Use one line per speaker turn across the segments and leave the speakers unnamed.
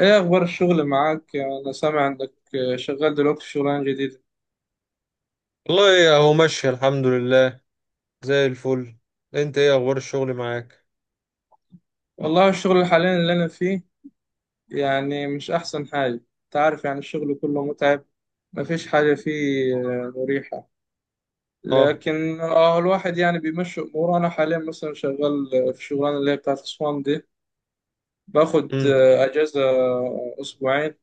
ايه اخبار الشغل معاك؟ انا سامع انك شغال دلوقتي في شغلانه جديده.
والله اهو ماشي الحمد لله. زي الفل. انت ايه اخبار الشغل معاك؟
والله الشغل حاليا اللي انا فيه يعني مش احسن حاجه، انت عارف، يعني الشغل كله متعب، مفيش حاجه فيه مريحه.
اه
لكن الواحد يعني بيمشي اموره. انا حاليا مثلا شغال في الشغلانه اللي هي بتاعت اسوان دي. باخد
امم
اجازه اسبوعين،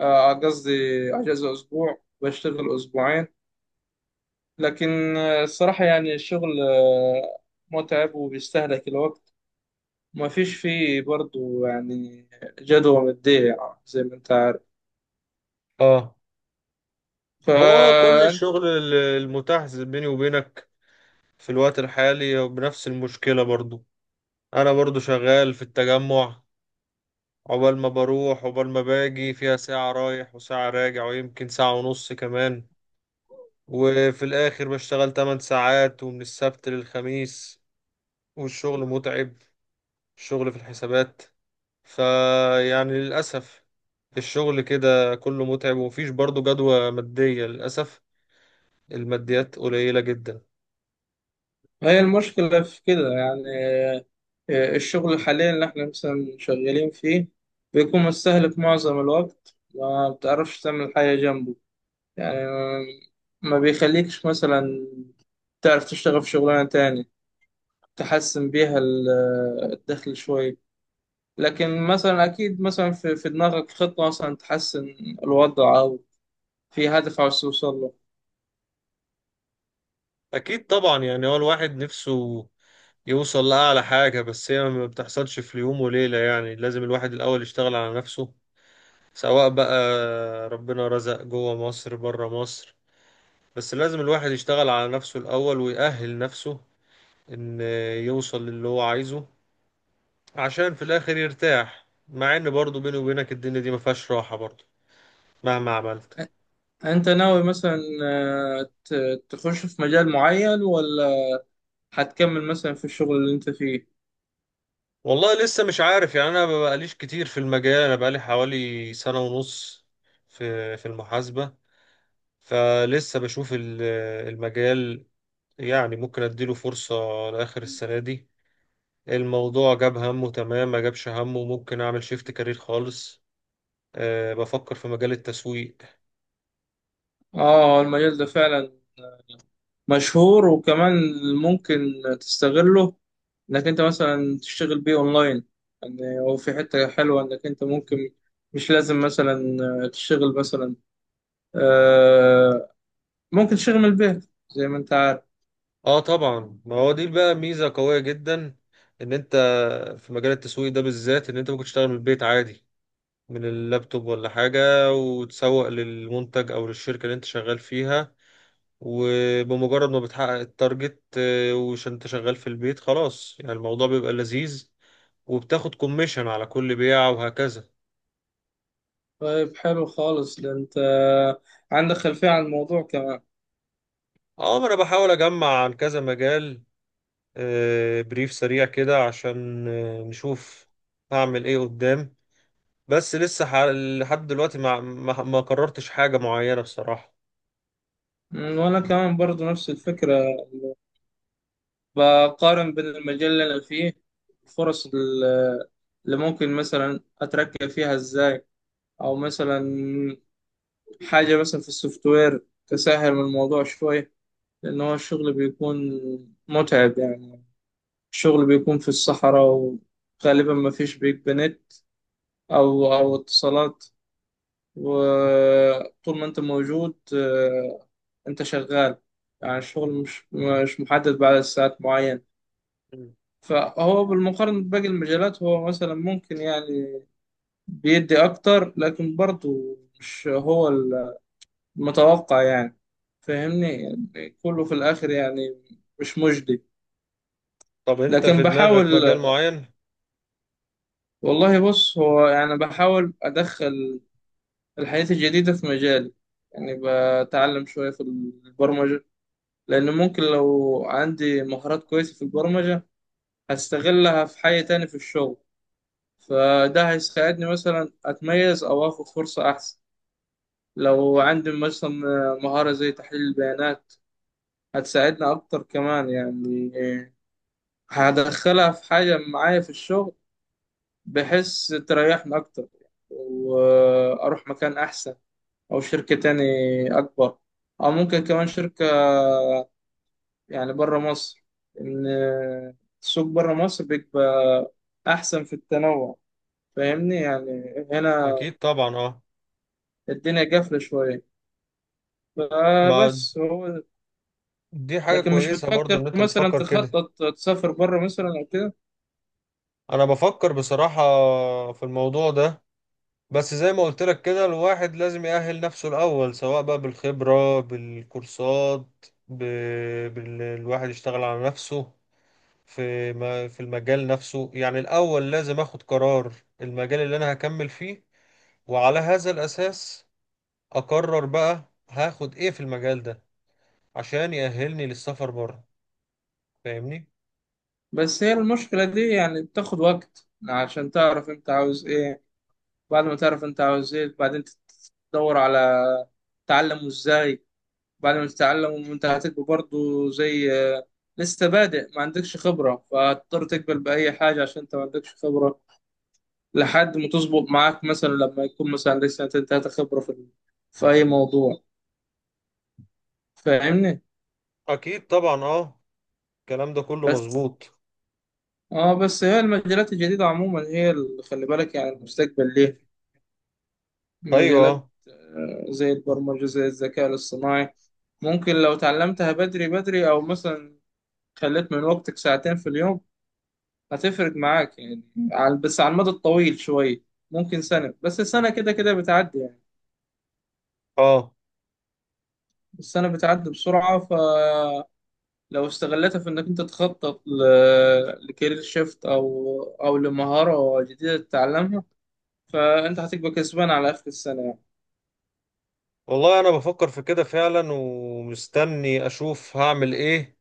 قصدي اجازه اسبوع بشتغل اسبوعين. لكن الصراحه يعني الشغل متعب وبيستهلك الوقت. ما فيش فيه برضو يعني جدوى مادية، يعني زي ما انت عارف.
اه هو كل
فانت.
الشغل المتاح بيني وبينك في الوقت الحالي بنفس المشكلة برضو. انا برضو شغال في التجمع، عقبال ما بروح عقبال ما باجي فيها ساعة رايح وساعة راجع ويمكن ساعة ونص كمان. وفي الاخر بشتغل 8 ساعات ومن السبت للخميس. والشغل متعب، الشغل في الحسابات. فيعني للأسف الشغل كده كله متعب، ومفيش برضه جدوى مادية للأسف، الماديات قليلة جدا.
هي المشكلة في كده يعني. الشغل حاليا اللي احنا مثلا شغالين فيه بيكون مستهلك معظم الوقت، ما بتعرفش تعمل حاجة جنبه، يعني ما بيخليكش مثلا تعرف تشتغل في شغلانة تاني تحسن بيها الدخل شوية. لكن مثلا أكيد مثلا في دماغك خطة مثلا تحسن الوضع، أو في هدف عاوز توصل له.
أكيد طبعا. يعني هو الواحد نفسه يوصل لأعلى حاجة، بس هي ما بتحصلش في يوم وليلة. يعني لازم الواحد الأول يشتغل على نفسه، سواء بقى ربنا رزق جوه مصر بره مصر، بس لازم الواحد يشتغل على نفسه الأول ويأهل نفسه إن يوصل للي هو عايزه، عشان في الاخر يرتاح. مع ان برضه بيني وبينك الدنيا دي ما فيهاش راحه برضه مهما عملت.
انت ناوي مثلا تخش في مجال معين، ولا هتكمل مثلا في الشغل اللي انت فيه؟
والله لسه مش عارف. يعني انا ما بقاليش كتير في المجال، انا بقالي حوالي سنه ونص في المحاسبه. فلسه بشوف المجال. يعني ممكن اديله فرصه لاخر السنه دي، الموضوع جاب همه تمام، ما جابش همه ممكن اعمل شيفت كارير خالص. أه، بفكر في مجال التسويق.
اه، المجال ده فعلا مشهور، وكمان ممكن تستغله، انك انت مثلا تشتغل بيه اونلاين. يعني هو في حتة حلوة، انك انت ممكن مش لازم مثلا تشتغل مثلا، آه، ممكن تشتغل من البيت، زي ما انت عارف.
اه طبعا. ما هو دي بقى ميزة قوية جدا، ان انت في مجال التسويق ده بالذات ان انت ممكن تشتغل من البيت عادي، من اللابتوب ولا حاجة، وتسوق للمنتج او للشركة اللي انت شغال فيها. وبمجرد ما بتحقق التارجت وش انت شغال في البيت، خلاص يعني الموضوع بيبقى لذيذ، وبتاخد كوميشن على كل بيعة وهكذا.
طيب، حلو خالص، ده انت عندك خلفية عن الموضوع كمان.
اه. ما انا بحاول اجمع عن كذا مجال، بريف سريع كده، عشان نشوف هعمل ايه قدام. بس لسه لحد دلوقتي ما قررتش حاجة معينة بصراحة.
وأنا كمان برضو نفس الفكرة، بقارن بين المجال اللي أنا فيه، فرص اللي ممكن مثلا أترقى فيها إزاي، أو مثلا حاجة مثلا في السوفت وير تسهل من الموضوع شوية. لأن هو الشغل بيكون متعب يعني، الشغل بيكون في الصحراء، وغالبا ما فيش بيك نت أو اتصالات، وطول ما أنت موجود أنت شغال، يعني الشغل مش محدد بعد ساعات معينة.
مم.
فهو بالمقارنة بباقي المجالات، هو مثلا ممكن يعني بيدي أكتر، لكن برضه مش هو المتوقع يعني، فاهمني؟ يعني كله في الآخر يعني مش مجدي،
طب انت
لكن
في دماغك
بحاول.
مجال معين؟
والله بص، هو يعني بحاول أدخل الحياة الجديدة في مجالي. يعني بتعلم شوية في البرمجة، لأن ممكن لو عندي مهارات كويسة في البرمجة هستغلها في حاجة تاني في الشغل، فده هيساعدني مثلا أتميز أو آخد فرصة أحسن. لو عندي مثلا مهارة زي تحليل البيانات هتساعدني أكتر كمان يعني، هدخلها في حاجة معايا في الشغل، بحيث تريحني أكتر وأروح مكان أحسن، أو شركة تاني أكبر، أو ممكن كمان شركة يعني برا مصر، إن السوق برا مصر بيبقى أحسن في التنوع. فاهمني؟ يعني هنا
اكيد طبعا اه،
الدنيا قافلة شوية،
ما
فبس هو.
دي حاجة
لكن مش
كويسة برضو ان
بتفكر
انت
مثلا
بتفكر كده.
تخطط تسافر بره مثلا او كده؟
انا بفكر بصراحة في الموضوع ده، بس زي ما قلت لك كده الواحد لازم يأهل نفسه الاول، سواء بقى بالخبرة، بالكورسات، ب... الواحد يشتغل على نفسه في ما... في المجال نفسه. يعني الاول لازم اخد قرار المجال اللي انا هكمل فيه، وعلى هذا الأساس أقرر بقى هاخد إيه في المجال ده عشان يأهلني للسفر بره. فاهمني؟
بس هي المشكلة دي يعني بتاخد وقت عشان تعرف انت عاوز ايه. بعد ما تعرف انت عاوز ايه، بعدين تدور على تعلمه ازاي. بعد ما تتعلم انت هتبقى برضه زي لسه بادئ ما عندكش خبرة، فهتضطر تقبل بأي حاجة عشان انت ما عندكش خبرة، لحد ما تظبط معاك، مثلا لما يكون مثلا لسه انت خبرة في أي موضوع، فاهمني؟
أكيد طبعا أه، الكلام ده كله
بس
مظبوط.
اه بس هي المجالات الجديدة عموما هي اللي خلي بالك يعني، المستقبل ليه مجالات،
أيوه.
زي البرمجة، زي الذكاء الاصطناعي. ممكن لو اتعلمتها بدري بدري، أو مثلا خليت من وقتك ساعتين في اليوم، هتفرق معاك يعني، بس على المدى الطويل شوية، ممكن سنة، بس السنة كده كده بتعدي يعني.
أه،
السنة بتعدي بسرعة، فلو استغلتها في إنك أنت تخطط لكارير شيفت، أو لمهارة جديدة تتعلمها، فانت هتبقى كسبان على اخر السنه يعني.
والله أنا بفكر في كده فعلا ومستني أشوف هعمل إيه.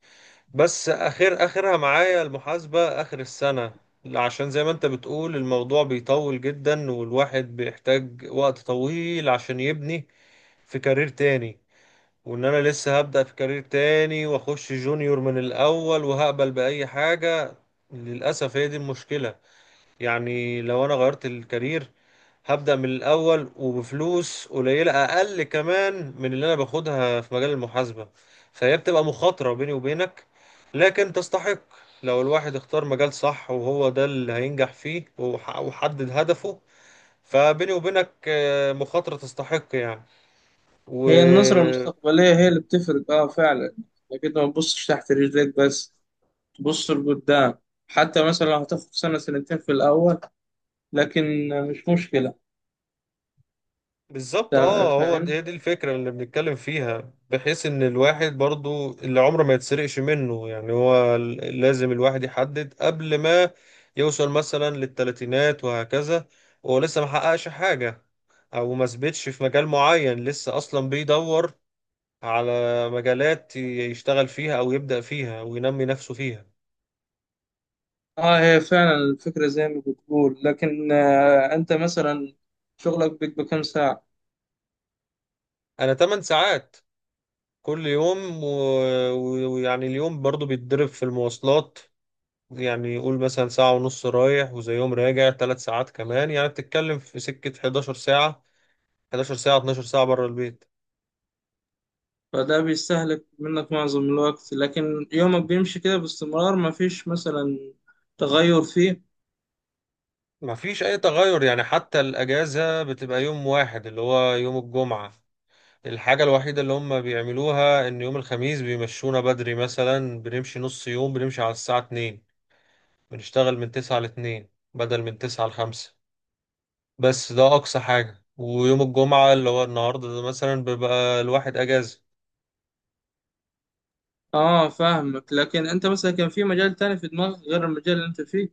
بس آخر آخرها معايا المحاسبة آخر السنة، عشان زي ما أنت بتقول الموضوع بيطول جدا، والواحد بيحتاج وقت طويل عشان يبني في كارير تاني. وان انا لسه هبدأ في كارير تاني واخش جونيور من الاول وهقبل بأي حاجة، للأسف هي دي المشكلة. يعني لو انا غيرت الكارير هبدأ من الاول وبفلوس قليلة اقل كمان من اللي انا باخدها في مجال المحاسبة. فهي بتبقى مخاطرة بيني وبينك، لكن تستحق لو الواحد اختار مجال صح وهو ده اللي هينجح فيه وحدد هدفه. فبيني وبينك مخاطرة تستحق
هي النظره
يعني.
المستقبليه هي اللي بتفرق، اه، فعلا، لكن ما تبصش تحت رجليك بس، تبص لقدام، حتى مثلا لو هتاخد سنه سنتين في الاول، لكن مش مشكله.
بالظبط اه. هو دي,
فاهم؟
دي الفكرة اللي بنتكلم فيها، بحيث ان الواحد برضو اللي عمره ما يتسرقش منه. يعني هو لازم الواحد يحدد قبل ما يوصل مثلا للتلاتينات وهكذا وهو لسه ما حققش حاجة، او ما ثبتش في مجال معين، لسه اصلا بيدور على مجالات يشتغل فيها او يبدأ فيها وينمي نفسه فيها.
اه، هي فعلا الفكره زي ما بتقول، لكن انت مثلا شغلك بيبقى كام ساعه؟
انا 8 ساعات كل يوم. ويعني اليوم برضو بيتضرب في المواصلات. يعني قول مثلا ساعة ونص رايح وزيهم راجع، ثلاث ساعات كمان. يعني بتتكلم في سكة 11 ساعة، 11 ساعة 12 ساعة بره البيت.
فده بيستهلك منك معظم الوقت، لكن يومك بيمشي كده باستمرار، مفيش مثلا تغير فيه.
ما فيش أي تغير. يعني حتى الأجازة بتبقى يوم واحد اللي هو يوم الجمعة. الحاجة الوحيدة اللي هم بيعملوها إن يوم الخميس بيمشونا بدري، مثلا بنمشي نص يوم، بنمشي على الساعة 2، بنشتغل من 9 ل 2 بدل من 9 ل 5. بس ده أقصى حاجة. ويوم الجمعة اللي هو النهاردة ده مثلا بيبقى الواحد أجازة.
اه، فاهمك، لكن انت مثلا كان في مجال تاني في دماغك غير المجال اللي انت فيه؟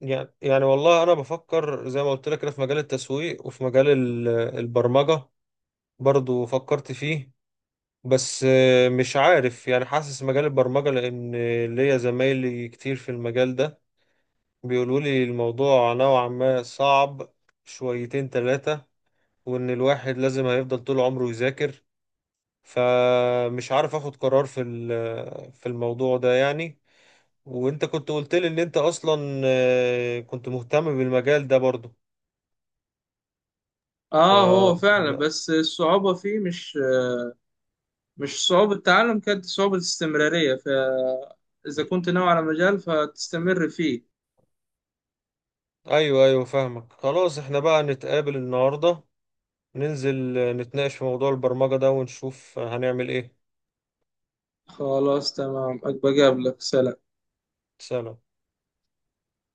يعني والله انا بفكر زي ما قلت لك كده في مجال التسويق، وفي مجال البرمجة برضو فكرت فيه. بس مش عارف. يعني حاسس مجال البرمجة، لان ليا زمايلي كتير في المجال ده بيقولوا لي الموضوع نوعا ما صعب، شويتين ثلاثة، وان الواحد لازم هيفضل طول عمره يذاكر. فمش عارف اخد قرار في في الموضوع ده يعني. وانت كنت قلت لي ان انت اصلا كنت مهتم بالمجال ده برضو. ف...
اه، هو فعلا، بس الصعوبة فيه مش صعوبة تعلم، كانت صعوبة استمرارية، فإذا كنت ناوي على مجال فتستمر فيه.
ايوه ايوه فاهمك. خلاص احنا بقى نتقابل النهارده، ننزل نتناقش في موضوع البرمجة ده ونشوف هنعمل ايه.
خلاص، تمام. أبقى أقابلك. سلام.
سلام.